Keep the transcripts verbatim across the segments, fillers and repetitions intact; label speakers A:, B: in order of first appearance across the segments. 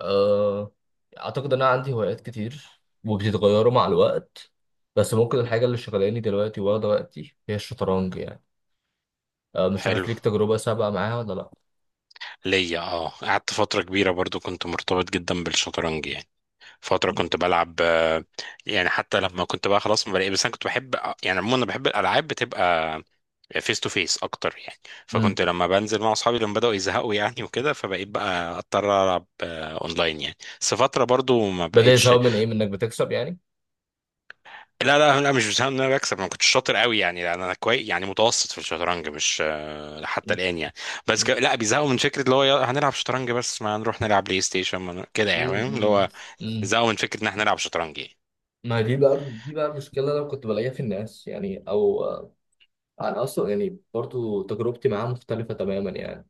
A: أه أعتقد إن أنا عندي هوايات كتير، وبتتغيروا مع الوقت. بس ممكن الحاجة اللي شغلاني دلوقتي واخدة وقتي هي الشطرنج يعني. أه مش عارف
B: حلو.
A: ليك تجربة سابقة معاها ولا لأ.
B: ليا اه، قعدت فترة كبيرة برضو، كنت مرتبط جدا بالشطرنج يعني. فترة كنت بلعب آه، يعني حتى لما كنت بقى خلاص ما بلاقي، بس انا كنت بحب. يعني عموما انا بحب الالعاب بتبقى فيس تو فيس اكتر يعني.
A: امم.
B: فكنت لما بنزل مع اصحابي لما بدأوا يزهقوا يعني وكده، فبقيت بقى اضطر العب آه، اونلاين يعني، بس فترة برضو ما
A: بدأ
B: بقتش.
A: يساوي من إيه، من إنك بتكسب يعني؟
B: لا لا لا، مش بسبب ان انا بكسب، انا كنت شاطر قوي يعني، لان انا كويس يعني متوسط في الشطرنج، مش آه، حتى
A: مم.
B: الان يعني. بس
A: مم.
B: ك... لا، بيزهقوا من فكره اللي هو يلا هنلعب شطرنج، بس ما نروح نلعب بلاي ستيشن، ما ن- كده يعني،
A: مم.
B: فاهم اللي هو.
A: مم.
B: زهقوا من فكره ان احنا نلعب شطرنج يعني.
A: ما دي بقى دي بقى المشكلة اللي أنا كنت بلاقيها في الناس يعني، أو آه، أنا أصلا يعني برضو تجربتي معاها مختلفة تماما يعني.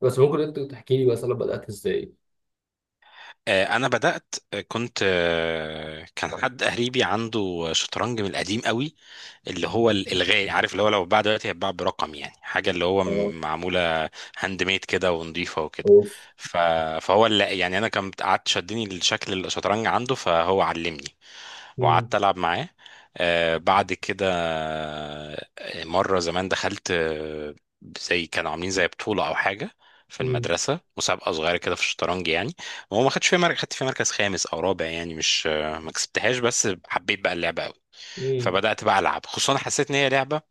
A: بس ممكن أنت تحكي لي مثلا بدأت إزاي؟
B: آه، انا بدات، آه، كنت آه، كان حد قريبي عنده شطرنج من القديم قوي، اللي هو ال- الغالي، عارف اللي هو لو اتباع دلوقتي هيتباع برقم يعني، حاجه اللي هو
A: اه.
B: م- معموله هاند ميد كده ونضيفه وكده.
A: اوف.
B: ف... فهو اللي يعني انا كان قعدت شدني الشكل، الشطرنج عنده فهو علمني.
A: مم.
B: وقعدت العب معاه. آه بعد كده آه، مره زمان دخلت، آه، زي كانوا عاملين زي بطوله او حاجه في
A: مم.
B: المدرسه، مسابقه صغيره كده في الشطرنج يعني. هو ما خدش فيها مركز، خدت فيها مركز خامس او رابع يعني، مش آه، ما كسبتهاش، بس حبيت بقى اللعبه قوي.
A: مم.
B: فبدات بقى العب، خصوصا حسيت ان هي لعبه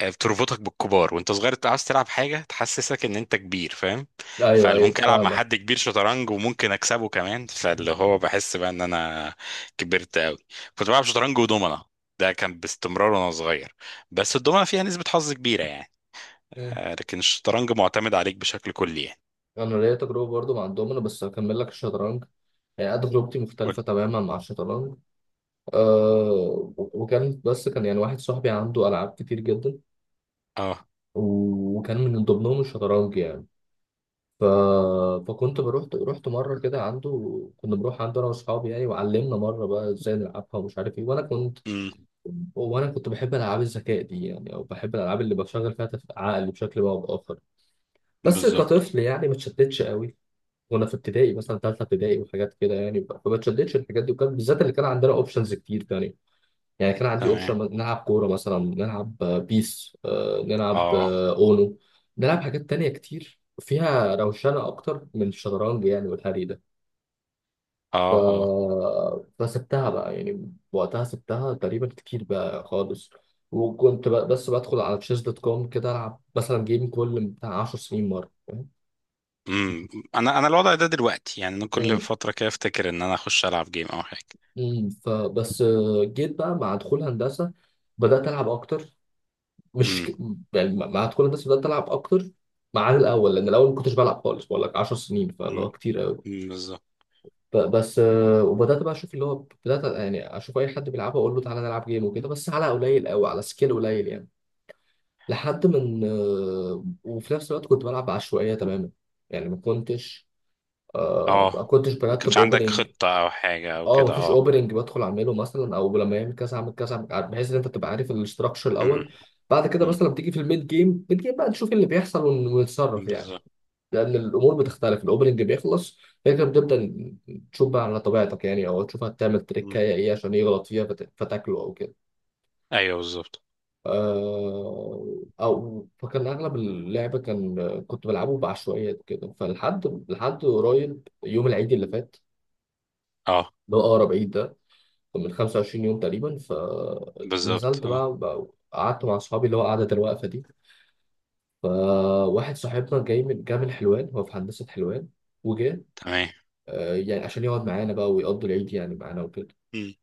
B: آه، بتربطك بالكبار وانت صغير، انت عاوز تلعب حاجه تحسسك ان انت كبير، فاهم؟
A: ايوه ايوه
B: فممكن العب مع حد
A: فاهمك.
B: كبير شطرنج، وممكن اكسبه كمان، فاللي هو بحس بقى ان انا كبرت قوي. كنت بلعب شطرنج ودومنه، ده كان باستمرار وانا صغير. بس الدومنه فيها نسبه حظ كبيره يعني،
A: مم.
B: آه، لكن الشطرنج معتمد عليك بشكل كلي يعني.
A: انا ليا تجربه برضو مع الدومينو، بس هكمل لك الشطرنج. يعني أنا تجربتي
B: قول.
A: مختلفه تماما مع الشطرنج. أه، وكان بس كان يعني واحد صاحبي عنده العاب كتير جدا،
B: اه.
A: وكان من ضمنهم الشطرنج يعني. ف... فكنت بروح رحت مره كده عنده. كنا بنروح عنده انا واصحابي يعني، وعلمنا مره بقى ازاي نلعبها ومش عارف ايه. وانا كنت
B: امم.
A: وانا كنت بحب العاب الذكاء دي، يعني او بحب الالعاب اللي بشغل فيها تف- عقلي بشكل ما او باخر. بس
B: بالظبط.
A: كطفل يعني ما اتشتتش قوي. وانا في ابتدائي مثلا ثالثه ابتدائي وحاجات كده يعني، ب- فما اتشدتش الحاجات دي. وكان بالذات اللي كان عندنا اوبشنز كتير تاني. يعني كان عندي
B: تمام.
A: اوبشن نلعب كوره مثلا، نلعب آه، بيس، آه، نلعب
B: اه.
A: آه، اونو، نلعب حاجات تانية كتير فيها روشنه اكتر من الشطرنج يعني والهري ده. ف...
B: اه.
A: فسبتها بقى يعني، وقتها سبتها تقريبا كتير بقى خالص. وكنت بقى بس بدخل على تشيز دوت كوم كده العب مثلا جيم كل بتاع عشر سنين مره.
B: امم. انا انا الوضع ده دلوقتي يعني، انا كل
A: مم.
B: فتره كده افتكر ان انا اخش العب جيم او حاجه.
A: امم فبس آه، جيت بقى مع دخول هندسه، بدات العب اكتر. مش
B: امم.
A: ك... يعني مع مع دخول هندسه بدات العب اكتر، ما عن الاول، لان الاول ما كنتش بلعب خالص، بقول لك عشر سنين، فاللي
B: امم.
A: هو كتير قوي.
B: أمم، بالظبط.
A: ب- بس آه، وبدات بقى اشوف اللي هو، بدات يعني اشوف اي حد بيلعبها اقول له تعالى نلعب جيم وكده، بس على قليل قوي، على سكيل قليل يعني. لحد من آه، وفي نفس الوقت كنت بلعب بعشوائيه تماما. يعني ما كنتش آه، ما
B: اه،
A: كنتش
B: ما كانش
A: برتب
B: عندك
A: اوبننج.
B: خطه او حاجه او
A: اه،
B: كده؟
A: مفيش
B: اه.
A: اوبننج بدخل اعمله مثلا، او لما يعمل كذا اعمل كذا أعمل كذا، بحيث ان انت تبقى عارف الاستراكشر
B: امم.
A: الاول. بعد كده
B: امم.
A: مثلا بتيجي في الميد جيم الميد جيم بقى، نشوف إيه اللي بيحصل ون- ونتصرف يعني.
B: بالظبط.
A: لان الامور بتختلف، الاوبننج بيخلص، فكرة بتبدا، تشوف بقى على طبيعتك يعني، او تشوف هتعمل
B: أمم.
A: تريكايه ايه عشان يغلط فيها فت- فتاكله او كده.
B: ايوه بالظبط.
A: آه، او فكان اغلب اللعب كان، كنت بلعبه بعشوائيات كده، فلحد لحد قريب يوم العيد اللي فات،
B: اه.
A: اللي هو اقرب عيد ده، من خمسة وعشرين يوم تقريبا.
B: بالظبط.
A: فنزلت
B: اه.
A: بقى, بقى قعدت مع اصحابي اللي هو قعدة الوقفة دي. فواحد صاحبنا جاي من جاي من حلوان، هو في هندسة حلوان، وجه
B: تمام.
A: آه، يعني عشان يقعد معانا بقى، ويقضي العيد يعني معانا وكده.
B: أمم.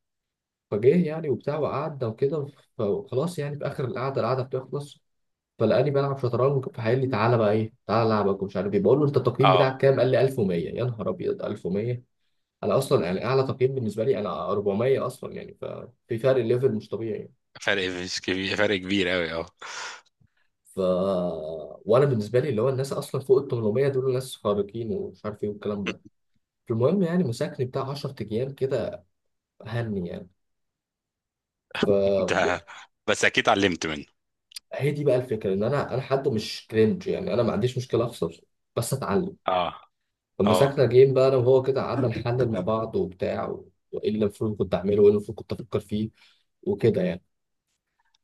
A: فجه يعني وبتاع وقعدنا وكده. فخلاص يعني في اخر القعدة، القعدة بتخلص، فلقاني بلعب شطرنج. فقال لي: تعالى بقى ايه، تعالى العبك ومش عارف ايه. بقول له: انت التقييم
B: اه،
A: بتاعك كام؟ قال لي: ألف ومية. يا نهار ابيض، ألف ومية! انا اصلا يعني اعلى تقييم بالنسبه لي انا أربعمية اصلا، يعني ففي فرق ليفل مش طبيعي.
B: فرق مش كبير، فرق كبير قوي اه.
A: ف وانا بالنسبه لي اللي هو الناس اصلا فوق ال تمنمية دول ناس خارقين ومش عارف ايه والكلام ده. فالمهم يعني مساكني بتاع عشر ايام كده، هني يعني. ف
B: ده، بس اكيد علمت منه.
A: هي دي بقى الفكره، ان انا انا حد مش كرنج يعني، انا ما عنديش مشكله اخسر بس اتعلم.
B: اه. اه.
A: فمساكنا جيم بقى انا وهو كده، قعدنا نحلل مع بعض وبتاع، وايه اللي المفروض كنت اعمله وايه اللي المفروض كنت افكر فيه، وكده يعني.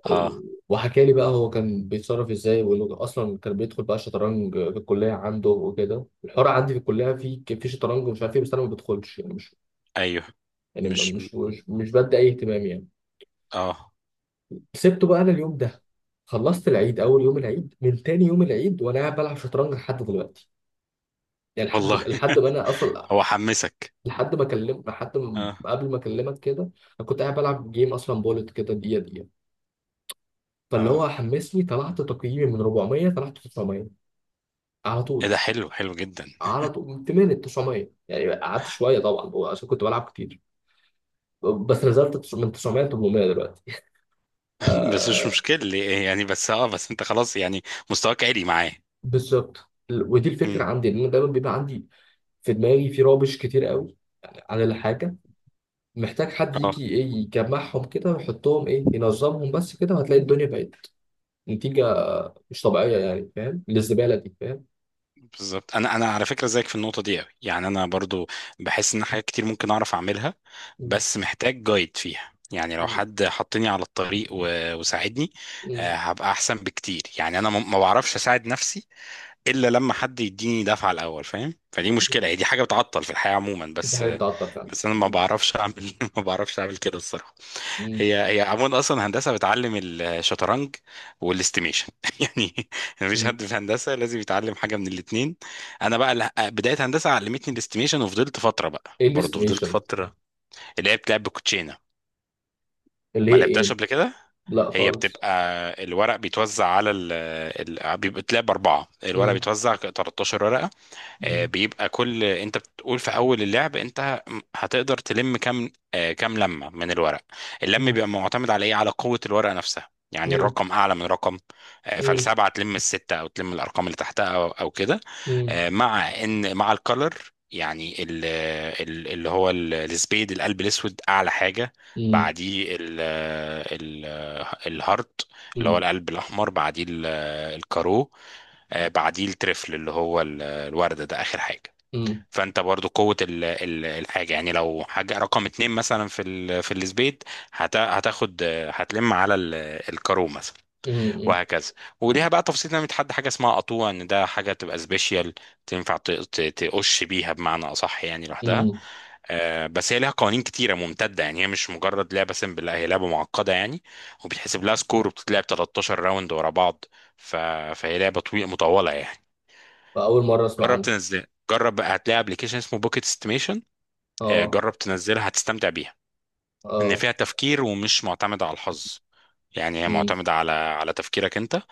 B: اه.
A: وحكى لي بقى هو كان بيتصرف ازاي، وانه اصلا كان بيدخل بقى شطرنج في الكليه عنده وكده. الحوار عندي في الكليه، في في شطرنج ومش عارف ايه، بس انا ما بدخلش يعني مش،
B: ايوه.
A: يعني
B: مش.
A: مش مش, مش بدي اي اهتمام يعني.
B: اه.
A: سبته بقى انا اليوم ده. خلصت العيد، اول يوم العيد من تاني يوم العيد وانا قاعد بلعب شطرنج لحد دلوقتي، يعني لحد
B: والله
A: لحد ما انا اصلا،
B: هو حمسك.
A: لحد ما اكلم لحد ما
B: اه.
A: قبل ما اكلمك كده، انا كنت قاعد بلعب جيم اصلا، بولت كده دقيقه دقيقه. فاللي
B: اه.
A: هو حمسني، طلعت تقييمي من أربعمية طلعت تسعمية على
B: ايه
A: طول.
B: ده، حلو، حلو جدا.
A: على طول من تمنمية ل تسعمية يعني، قعدت شويه طبعا عشان كنت بلعب كتير. بس نزلت تس- من تسعمية ل ثمانمئة دلوقتي. آه،
B: بس مش مشكلة يعني، بس اه، بس انت خلاص يعني، مستواك عالي معاه.
A: بالظبط. ودي
B: مم.
A: الفكره عندي ان انا دايما بيبقى عندي في دماغي في رابش كتير قوي عن الحاجه. محتاج حد
B: اه.
A: يجي ايه يجمعهم كده ويحطهم ايه ينظمهم بس كده، وهتلاقي الدنيا بقت نتيجه مش طبيعيه يعني، فاهم؟ للزباله دي، فاهم؟
B: بالظبط. انا انا على فكره زيك في النقطه دي قوي يعني، انا برضو بحس ان حاجات كتير ممكن اعرف اعملها،
A: مم.
B: بس محتاج جايد فيها يعني، لو
A: مم.
B: حد حطني على الطريق و- وساعدني،
A: مم.
B: آه، هبقى احسن بكتير يعني. انا ما ما بعرفش اساعد نفسي الا لما حد يديني دفعه الاول، فاهم؟ فدي
A: مم.
B: مشكله، هي دي حاجه بتعطل في الحياه عموما،
A: دي
B: بس
A: حاجه
B: آه،
A: بتعطل فعلا.
B: بس انا ما
A: مم.
B: بعرفش اعمل ما بعرفش اعمل كده الصراحه.
A: مم.
B: هي هي عموما، اصلا هندسه بتعلم الشطرنج والاستيميشن يعني. مفيش
A: مم.
B: حد في هندسه لازم يتعلم حاجه من الاثنين. انا بقى لا- بدايه هندسه علمتني الاستيميشن، وفضلت فتره بقى،
A: ايه
B: برضه فضلت
A: الاستيميشن؟
B: فتره. لعبت لعب بالكوتشينه.
A: اللي
B: ما
A: هي ايه؟
B: لعبتهاش قبل كده.
A: لا
B: هي
A: خالص.
B: بتبقى الورق بيتوزع على ال... ال... بيبقى بتلعب اربعه، الورق
A: مم.
B: بيتوزع تلتاشر ورقه. آه،
A: مم.
B: بيبقى كل، انت بتقول في اول اللعب انت هتقدر تلم كام، آه، كام لمه من الورق. اللم بيبقى معتمد على ايه؟ على قوه الورقه نفسها يعني، الرقم اعلى من رقم. آه، فالسبعه تلم السته، او تلم الارقام اللي تحتها او او كده. آه، مع ان، مع الكلر يعني، ال- ال- اللي هو ال- السبيد، القلب الاسود، اعلى حاجه، بعديه ال- آه، ال- آه، الهارت اللي هو
A: うんうんうんうんうんうんうんうんうんأول
B: القلب الاحمر، بعديه ال- آه، الكارو، آه، بعديه الترفل اللي هو ال- الوردة، ده آخر حاجة. فانت برضو قوة ال- ال- الحاجة يعني، لو حاجة رقم اتنين مثلا في ال- في السبيد، هت- هتاخد آه، هتلم على ال- الكارو مثلا، وهكذا. وليها بقى تفصيل، انها بتحدد حاجة اسمها قطوع، ان ده حاجة تبقى سبيشال، تنفع ت- ت- تقش بيها بمعنى أصح يعني، لوحدها. آه، بس هي ليها قوانين كتيرة ممتدة يعني، هي مش مجرد لعبة سيمبل، لا، هي لعبة معقدة يعني. وبيتحسب لها سكور، وبتتلعب تلتاشر راوند ورا بعض. ف... فهي لعبة طويلة مطولة يعني.
A: مرة أسمع
B: جرب
A: عنها.
B: تنزلها، جرب بقى، هتلاقي ابلكيشن اسمه بوكيت استيميشن.
A: أه.
B: جرب تنزلها، هتستمتع بيها. ان
A: أه.
B: فيها تفكير ومش معتمدة على الحظ يعني، هي
A: مم.
B: معتمدة على على تفكيرك انت.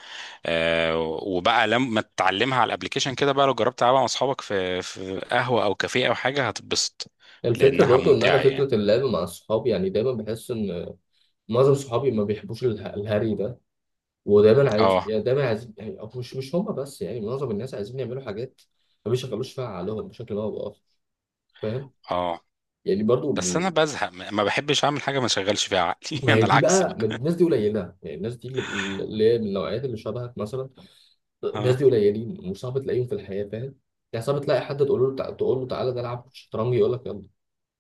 B: آه، وبقى لما تتعلمها على الابلكيشن كده، بقى لو جربت تلعبها مع اصحابك في في قهوة او كافيه او حاجة، هتتبسط
A: الفكرة
B: لانها
A: برضو إن أنا،
B: ممتعة يعني.
A: فكرة اللعب مع صحابي، يعني دايما بحس إن معظم صحابي ما بيحبوش اله- الهري ده. ودايما عايز
B: اه.
A: يعني دايما عايز يعني أو مش مش هما بس، يعني معظم الناس عايزين يعملوا حاجات ما بيشغلوش فيها عقلهم بشكل ما أو بآخر، فاهم؟
B: اه.
A: يعني برضو،
B: بس انا بزهق، ما ما بحبش اعمل حاجة ما اشغلش فيها عقلي
A: ما هي
B: انا
A: دي
B: العكس
A: بقى، ما
B: بقى.
A: الناس دي قليله يعني. الناس دي اللي، اللي هي من النوعيات اللي شبهك مثلا، الناس
B: اه.
A: دي قليلين، وصعب تلاقيهم في الحياه، فاهم؟ يعني صعب تلاقي حد تقول له تع- تقول له تعالى نلعب شطرنج يقول لك: يلا،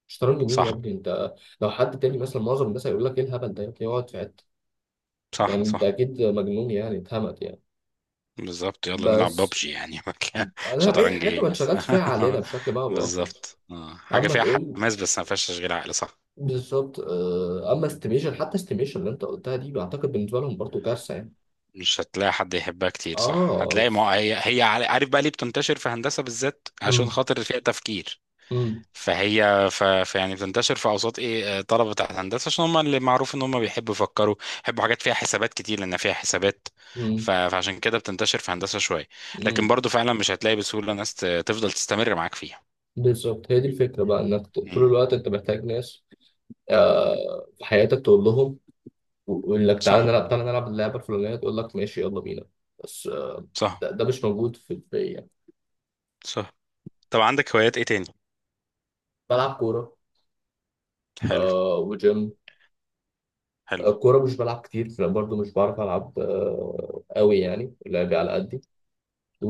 A: شطرنج مين يا
B: صح.
A: ابني انت؟ لو حد تاني مثلا معظم الناس هيقول لك: ايه الهبل ده يا ابني؟ اقعد في حته.
B: صح.
A: يعني انت
B: صح.
A: اكيد مجنون، يعني اتهمت يعني.
B: بالظبط، يلا نلعب
A: بس
B: بابجي يعني مكان
A: انا اي
B: شطرنج،
A: حاجه
B: ايه
A: ما
B: بس!
A: نشغلش فيها علينا بشكل ما او باخر،
B: بالظبط، آه، حاجة
A: اما
B: فيها
A: تقول،
B: حماس بس ما فيهاش تشغيل عقل، صح،
A: بالظبط. آه، اما استيميشن، حتى استيميشن اللي انت قلتها دي بعتقد بالنسبه لهم برضو كارثه يعني.
B: مش هتلاقي حد يحبها كتير، صح.
A: اه.
B: هتلاقي، ما هي هي عل- عارف بقى ليه بتنتشر في هندسة بالذات؟ عشان
A: امم.
B: خاطر فيها تفكير.
A: امم.
B: فهي ف... ف يعني بتنتشر في اوساط ايه، آه، طلبة بتاعت هندسة، عشان هم اللي معروف ان هم بيحبوا يفكروا، بيحبوا حاجات فيها حسابات كتير، لان فيها حسابات. ف...
A: امم.
B: فعشان كده بتنتشر في هندسة شوية. لكن
A: امم.
B: برضو فعلا مش هتلاقي بسهولة ناس ت- تفضل تستمر معاك فيها.
A: بالظبط، هي دي الفكره بقى، انك ط- طول
B: مم.
A: الوقت انت محتاج ناس آه في حياتك تقول لهم، و- ويقول لك:
B: صح.
A: تعالى نلعب تعالى نلعب اللعبه الفلانيه. تقول لك: ماشي، يلا بينا. بس آه
B: صح.
A: ده, ده مش موجود في البيئه يعني.
B: صح. طب عندك هوايات ايه تاني؟
A: بلعب كوره.
B: حلو.
A: آه، وجيم.
B: حلو.
A: آه، كوره مش بلعب كتير لأن برضو مش بعرف العب آه قوي، يعني لعبي على قدي.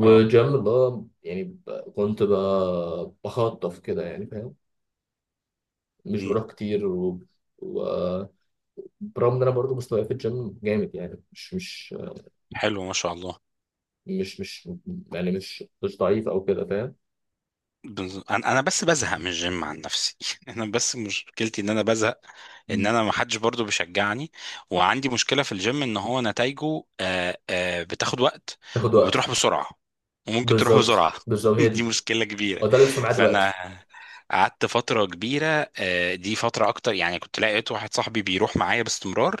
B: اه.
A: اللي هو يعني، ب- كنت ب- بخطف كده يعني، فاهم؟ مش
B: امم.
A: بروح كتير. و... برغم ان انا برضو مستواي في الجيم جامد، يعني مش مش
B: حلو ما شاء الله.
A: مش مش يعني مش مش ضعيف او كده، فاهم؟
B: بز- انا أنا بس بزهق من الجيم عن نفسي انا بس مشكلتي ان انا بزهق، ان
A: مم.
B: انا ما حدش برضه بيشجعني. وعندي مشكله في الجيم، ان هو نتائجه آه، آه، بتاخد وقت،
A: تاخد وقت.
B: وبتروح بسرعه، وممكن تروح
A: بالظبط
B: بسرعه.
A: بالظبط، هي
B: دي
A: دي،
B: مشكله كبيره.
A: هو ده اللي بيحصل معايا
B: فانا
A: دلوقتي.
B: قعدت فتره كبيره، آه، دي فتره اكتر يعني. كنت لقيت واحد صاحبي بيروح معايا باستمرار،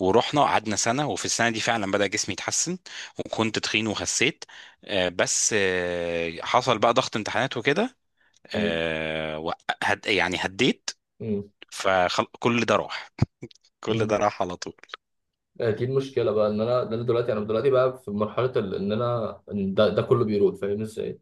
B: ورحنا قعدنا سنه، وفي السنه دي فعلا بدا جسمي يتحسن، وكنت تخين وخسيت. آه، بس آه، حصل بقى ضغط امتحانات وكده،
A: مم.
B: آه، وق- هد يعني، هديت.
A: مم.
B: فكل ده راح، كل ده
A: مم.
B: راح على طول.
A: آه، دي المشكله بقى، ان انا ده، انا دلوقتي انا دلوقتي بقى في مرحله ال- ان انا إن ده, ده كله بيروح، فاهم ازاي.